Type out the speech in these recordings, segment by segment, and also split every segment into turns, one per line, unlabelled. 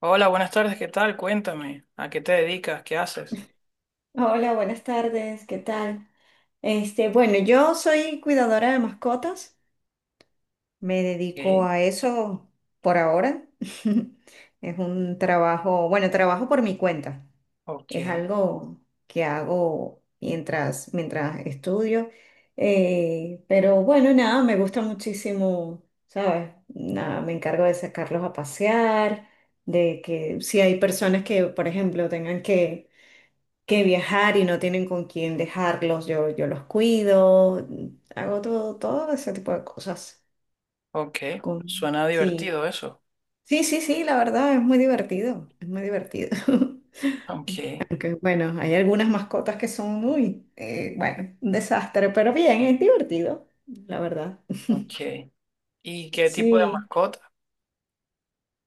Hola, buenas tardes, ¿qué tal? Cuéntame, ¿a qué te dedicas? ¿Qué haces?
Hola, buenas tardes, ¿qué tal? Bueno, yo soy cuidadora de mascotas, me dedico
Ok,
a eso por ahora. Es un trabajo, bueno, trabajo por mi cuenta. Es
ok,
algo que hago mientras estudio. Pero bueno, nada, me gusta muchísimo, ¿sabes? Nada, me encargo de sacarlos a pasear, de que si hay personas que, por ejemplo, tengan que viajar y no tienen con quién dejarlos, yo los cuido, hago todo ese tipo de cosas.
ok. Suena
Sí,
divertido eso.
sí, sí, sí, la verdad es muy divertido, es muy divertido.
Ok,
Aunque bueno, hay algunas mascotas que son muy, bueno, un desastre, pero bien, es divertido, la verdad.
ok. ¿Y qué tipo de
Sí,
mascota?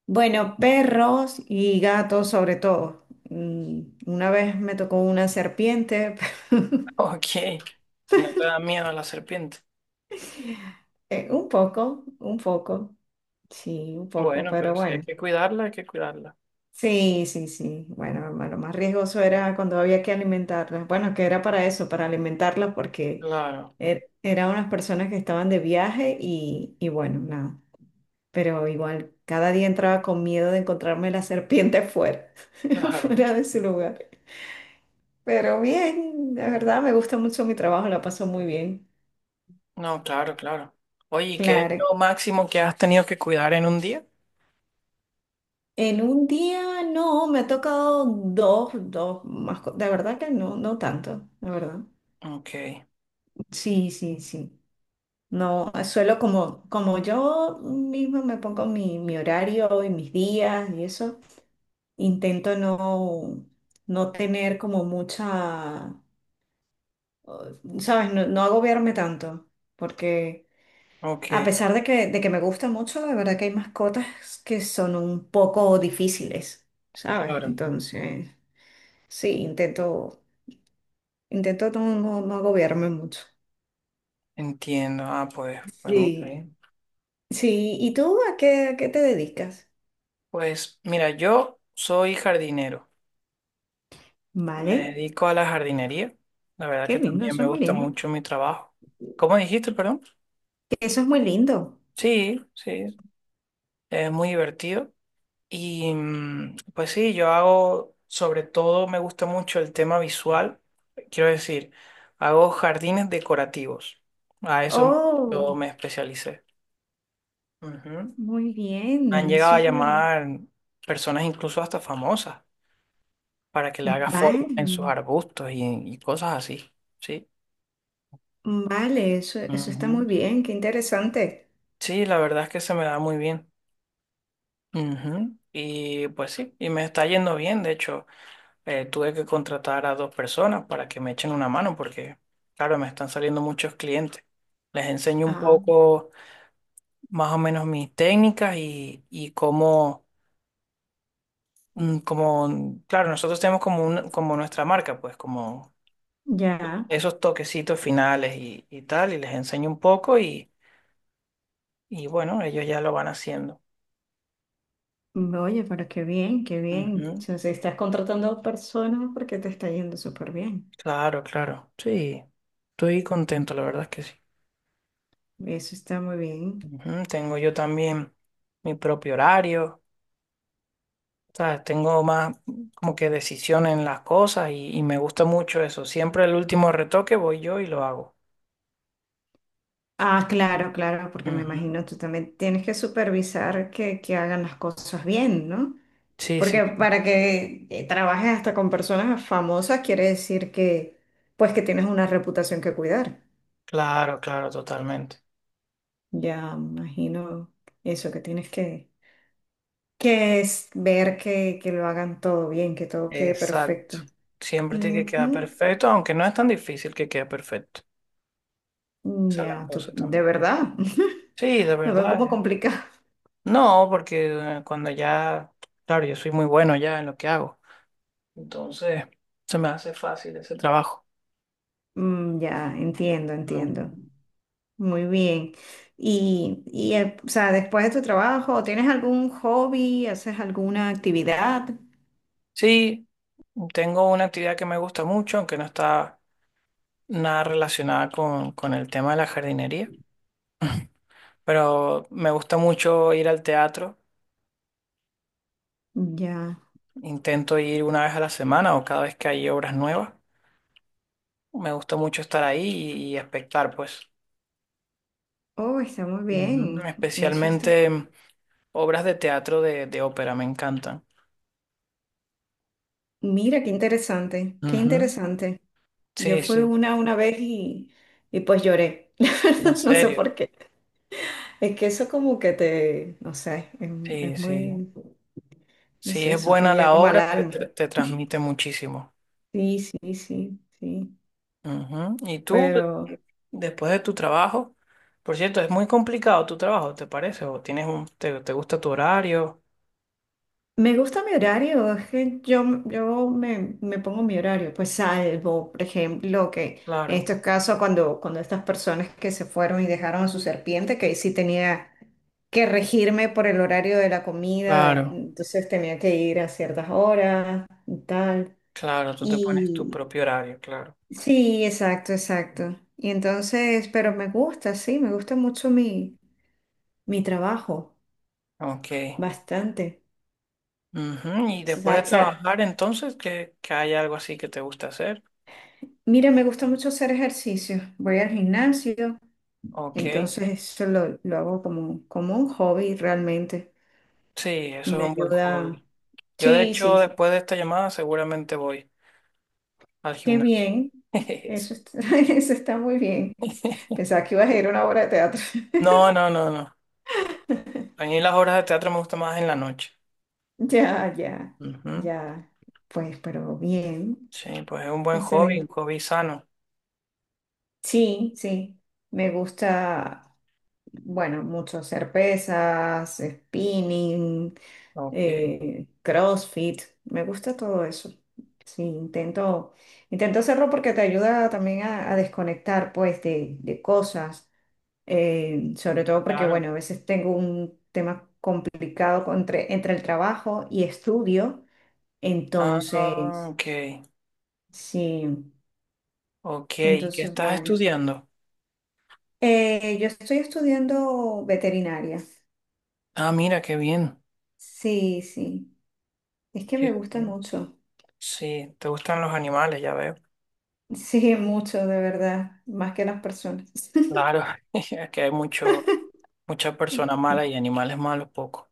bueno, perros y gatos sobre todo. Mm, una vez me tocó una serpiente,
Ok, no te da miedo la serpiente.
un poco, un poco. Sí, un poco,
Bueno,
pero
pero si hay
bueno.
que cuidarla, hay que cuidarla.
Sí, sí, sí. Bueno, lo más riesgoso era cuando había que alimentarlas. Bueno, que era para eso, para alimentarlas, porque
Claro,
eran unas personas que estaban de viaje y bueno, nada. Pero igual, cada día entraba con miedo de encontrarme la serpiente fuera,
claro.
fuera de su lugar. Pero bien, la verdad me gusta mucho mi trabajo, la paso muy bien.
No, claro, claro. Oye, ¿y qué es
Claro,
lo máximo que has tenido que cuidar en un día?
en un día no, me ha tocado dos, dos más, de verdad que no, no tanto, la verdad.
Ok,
Sí, sí, sí. No, suelo como, como yo misma me pongo mi horario y mis días y eso, intento no, no tener como mucha, ¿sabes? No, no agobiarme tanto, porque a
ok,
pesar de que me gusta mucho, de verdad que hay mascotas que son un poco difíciles, ¿sabes?
claro.
Entonces, sí, intento, intento no, no, no agobiarme mucho.
Entiendo. Ah, pues, pues mira,
Sí,
¿eh?
sí. ¿Y tú a qué te dedicas?
Pues mira, yo soy jardinero. Me
Vale,
dedico a la jardinería. La verdad
qué
que
lindo,
también
eso
me
es muy
gusta
lindo.
mucho mi trabajo. ¿Cómo dijiste, perdón?
Eso es muy lindo.
Sí, sí, es muy divertido. Y pues sí, yo hago, sobre todo me gusta mucho el tema visual. Quiero decir, hago jardines decorativos. A eso me- yo
Oh,
me especialicé. Ujú.
muy
Han
bien,
llegado
eso
a
es muy bien.
llamar personas incluso hasta famosas para que le haga formas
Vale,
en sus arbustos y cosas así. Sí.
vale, eso está
Ujú.
muy bien, qué interesante.
Sí, la verdad es que se me da muy bien. Ujú. Y pues sí, y me está yendo bien. De hecho, tuve que contratar a dos personas para que me echen una mano porque, claro, me están saliendo muchos clientes. Les enseño un
Ah,
poco más o menos mis técnicas y cómo, como, claro, nosotros tenemos como, como nuestra marca, pues como
ya.
esos toquecitos finales y tal, y les enseño un poco y bueno, ellos ya lo van haciendo.
Oye, pero qué bien, qué bien. O sea, si estás contratando personas porque te está yendo súper bien.
Claro, claro. Sí, estoy contento, la verdad es que sí.
Eso está muy bien.
Ujú. Tengo yo también mi propio horario, ¿sabes? Tengo más como que decisión en las cosas y me gusta mucho eso. Siempre el último retoque voy yo y lo hago.
Ah, claro, claro, porque me
Ujú.
imagino tú también tienes que supervisar que hagan las cosas bien, ¿no?
Sí, sí,
Porque
sí.
para que trabajes hasta con personas famosas quiere decir que, pues, que tienes una reputación que cuidar.
Claro, claro, totalmente.
Ya imagino eso, que tienes que es ver que lo hagan todo bien, que todo quede perfecto.
Exacto. Siempre tiene que quedar
Ujú.
perfecto, aunque no es tan difícil que quede perfecto. Esa es la
Ya,
cosa
de
también.
verdad.
Sí, de
Lo veo
verdad.
como complicado.
No, porque cuando ya, claro, yo soy muy bueno ya en lo que hago. Entonces, se me hace fácil ese trabajo.
Mm, ya, entiendo,
Mm.
entiendo. Muy bien. Y o sea, después de tu trabajo, ¿tienes algún hobby? ¿Haces alguna actividad?
Sí, tengo una actividad que me gusta mucho, aunque no está nada relacionada con el tema de la jardinería, pero me gusta mucho ir al teatro.
Ya.
Intento ir una vez a la semana o cada vez que hay obras nuevas. Me gusta mucho estar ahí y espectar, pues.
Oh, está muy
Ujú.
bien. Eso está.
Especialmente obras de teatro de ópera, me encantan.
Mira, qué interesante, qué
Ujú.
interesante. Yo
Sí,
fui
sí,
una vez y pues lloré.
en
No sé
serio.
por qué. Es que eso como que te, no sé,
Sí,
es
sí.
muy, no
Si
sé,
es
eso te
buena
llega
la
como al
obra,
alma.
te transmite muchísimo.
Sí, sí, sí, sí.
Ujú. Y tú,
Pero...
después de tu trabajo, por cierto, es muy complicado tu trabajo, ¿te parece? ¿O tienes te gusta tu horario?
Me gusta mi horario, es que yo me, me pongo mi horario, pues salvo, por ejemplo, que en
Claro,
estos casos cuando, cuando estas personas que se fueron y dejaron a su serpiente, que ahí sí tenía que regirme por el horario de la comida,
claro,
entonces tenía que ir a ciertas horas y tal.
claro, tú te pones tu
Y
propio horario, claro.
sí, exacto, exacto. Y entonces, pero me gusta, sí, me gusta mucho mi, mi trabajo,
Ok.
bastante.
Ujú. Y después de trabajar, entonces, que hay algo así que te gusta hacer.
Mira, me gusta mucho hacer ejercicio. Voy al gimnasio,
Ok.
entonces eso lo hago como, como un hobby realmente
Sí,
y
eso es
me
un buen
ayuda.
hobby. Yo, de
Sí, sí,
hecho,
sí.
después de esta llamada, seguramente voy al
Qué
gimnasio.
bien. Eso está, eso está muy bien. Pensaba que ibas a ir a una obra de teatro.
No, no, no, no. A mí las obras de teatro me gustan más en la noche.
Ya, ya,
Ujú.
ya. Pues, pero bien.
Sí, pues es un buen hobby, un
Excelente.
hobby sano.
Sí, sí. Me gusta, bueno, mucho hacer pesas, spinning.
Ok,
CrossFit, me gusta todo eso. Sí, intento, intento hacerlo porque te ayuda también a desconectar pues de cosas, sobre todo porque
claro.
bueno, a veces tengo un tema complicado entre, entre el trabajo y estudio,
Ah,
entonces,
ok,
sí,
ok. ¿Y qué
entonces
estás
bueno.
estudiando?
Yo estoy estudiando veterinaria.
Ah, mira, qué bien.
Sí, sí. Es que
Qué
me gusta
bien.
mucho.
Sí, te gustan los animales, ya veo.
Sí, mucho, de verdad. Más que las personas.
Claro, es que hay mucho, muchas personas malas y animales malos poco.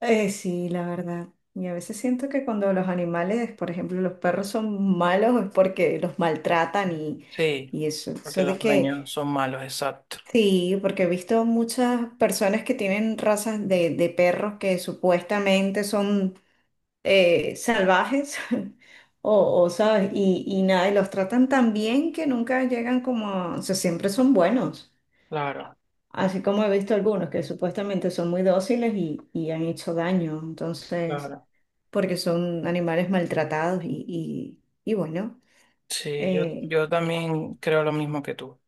Sí, la verdad. Y a veces siento que cuando los animales, por ejemplo, los perros son malos es porque los maltratan
Sí,
y eso.
porque
Eso de
los dueños
que,
son malos, exacto.
sí, porque he visto muchas personas que tienen razas de perros que supuestamente son salvajes o, ¿sabes? Y nada, y los tratan tan bien que nunca llegan como, o sea, siempre son buenos.
Claro,
Así como he visto algunos que supuestamente son muy dóciles y han hecho daño. Entonces...
claro.
porque son animales maltratados y, y bueno,
Sí, yo,
eh,
yo también creo lo mismo que tú.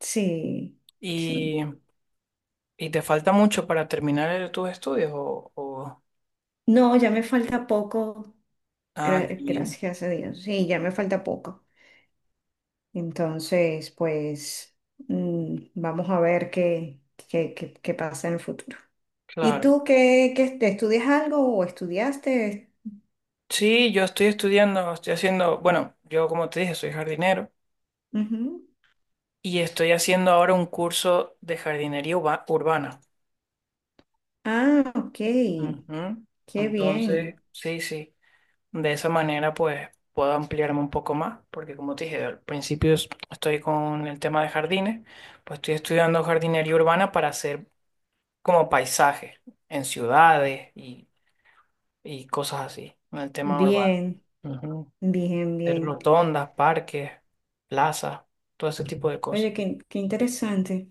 sí, sí.
Y ¿y te falta mucho para terminar tus estudios? O-
No, ya me falta poco,
Ah, qué bien,
gracias a Dios, sí, ya me falta poco. Entonces, pues mm, vamos a ver qué, qué, qué pasa en el futuro. ¿Y
claro.
tú qué, qué te estudias algo o estudiaste?
Sí, yo estoy estudiando, estoy haciendo, bueno, yo como te dije, soy jardinero
Ujú.
y estoy haciendo ahora un curso de jardinería urbana.
Ah, ok,
Ujú.
qué
Entonces,
bien,
sí, sí, de esa manera pues puedo ampliarme un poco más, porque como te dije, al principio estoy con el tema de jardines, pues estoy estudiando jardinería urbana para hacer como paisajes en ciudades y cosas así, en el tema urbano.
bien,
Ujú.
bien,
Hacer
bien.
rotondas, parques, plazas, todo ese tipo de
Oye,
cosas.
qué, qué interesante.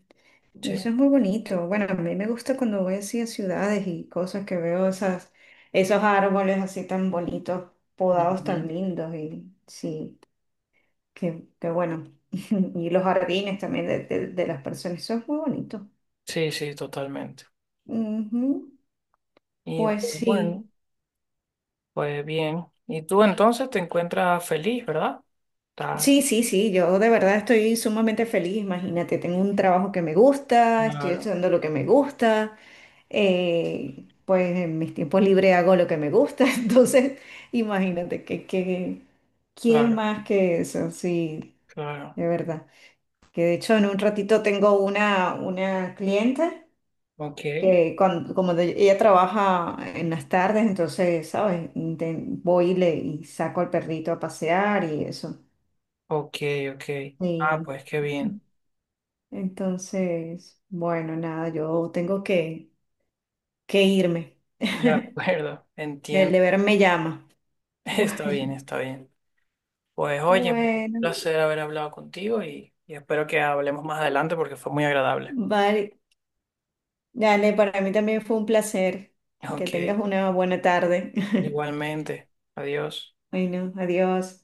Y
Sí,
eso es muy bonito. Bueno, a mí me gusta cuando voy así a ciudades y cosas que veo esas, esos árboles así tan bonitos, podados tan
ujú.
lindos y sí, qué, qué bueno. Y los jardines también de, de las personas, eso es muy bonito.
Sí, sí, totalmente.
Ujú.
Y
Pues
pues bueno,
sí.
pues bien. Y tú entonces te encuentras feliz, ¿verdad? Estás-
Sí, sí, sí, yo de verdad estoy sumamente feliz, imagínate, tengo un trabajo que me gusta, estoy
Claro,
estudiando lo que me gusta, pues en mis tiempos libres hago lo que me gusta, entonces imagínate que, ¿quién
claro,
más que eso? Sí,
claro.
de verdad. Que de hecho en un ratito tengo una clienta
Ok,
que cuando, ella trabaja en las tardes, entonces, ¿sabes? Voy y, le, y saco al perrito a pasear y eso.
ok, ok. Ah,
Y
pues qué bien.
entonces, bueno, nada, yo tengo que irme.
De acuerdo,
El
entiendo.
deber me llama.
Está bien, está bien. Pues oye, un
Bueno, bueno,
placer haber hablado contigo y espero que hablemos más adelante porque fue muy agradable.
vale. Dale, para mí también fue un placer. Que
Ok,
tengas una buena tarde.
igualmente. Adiós.
Bueno, adiós.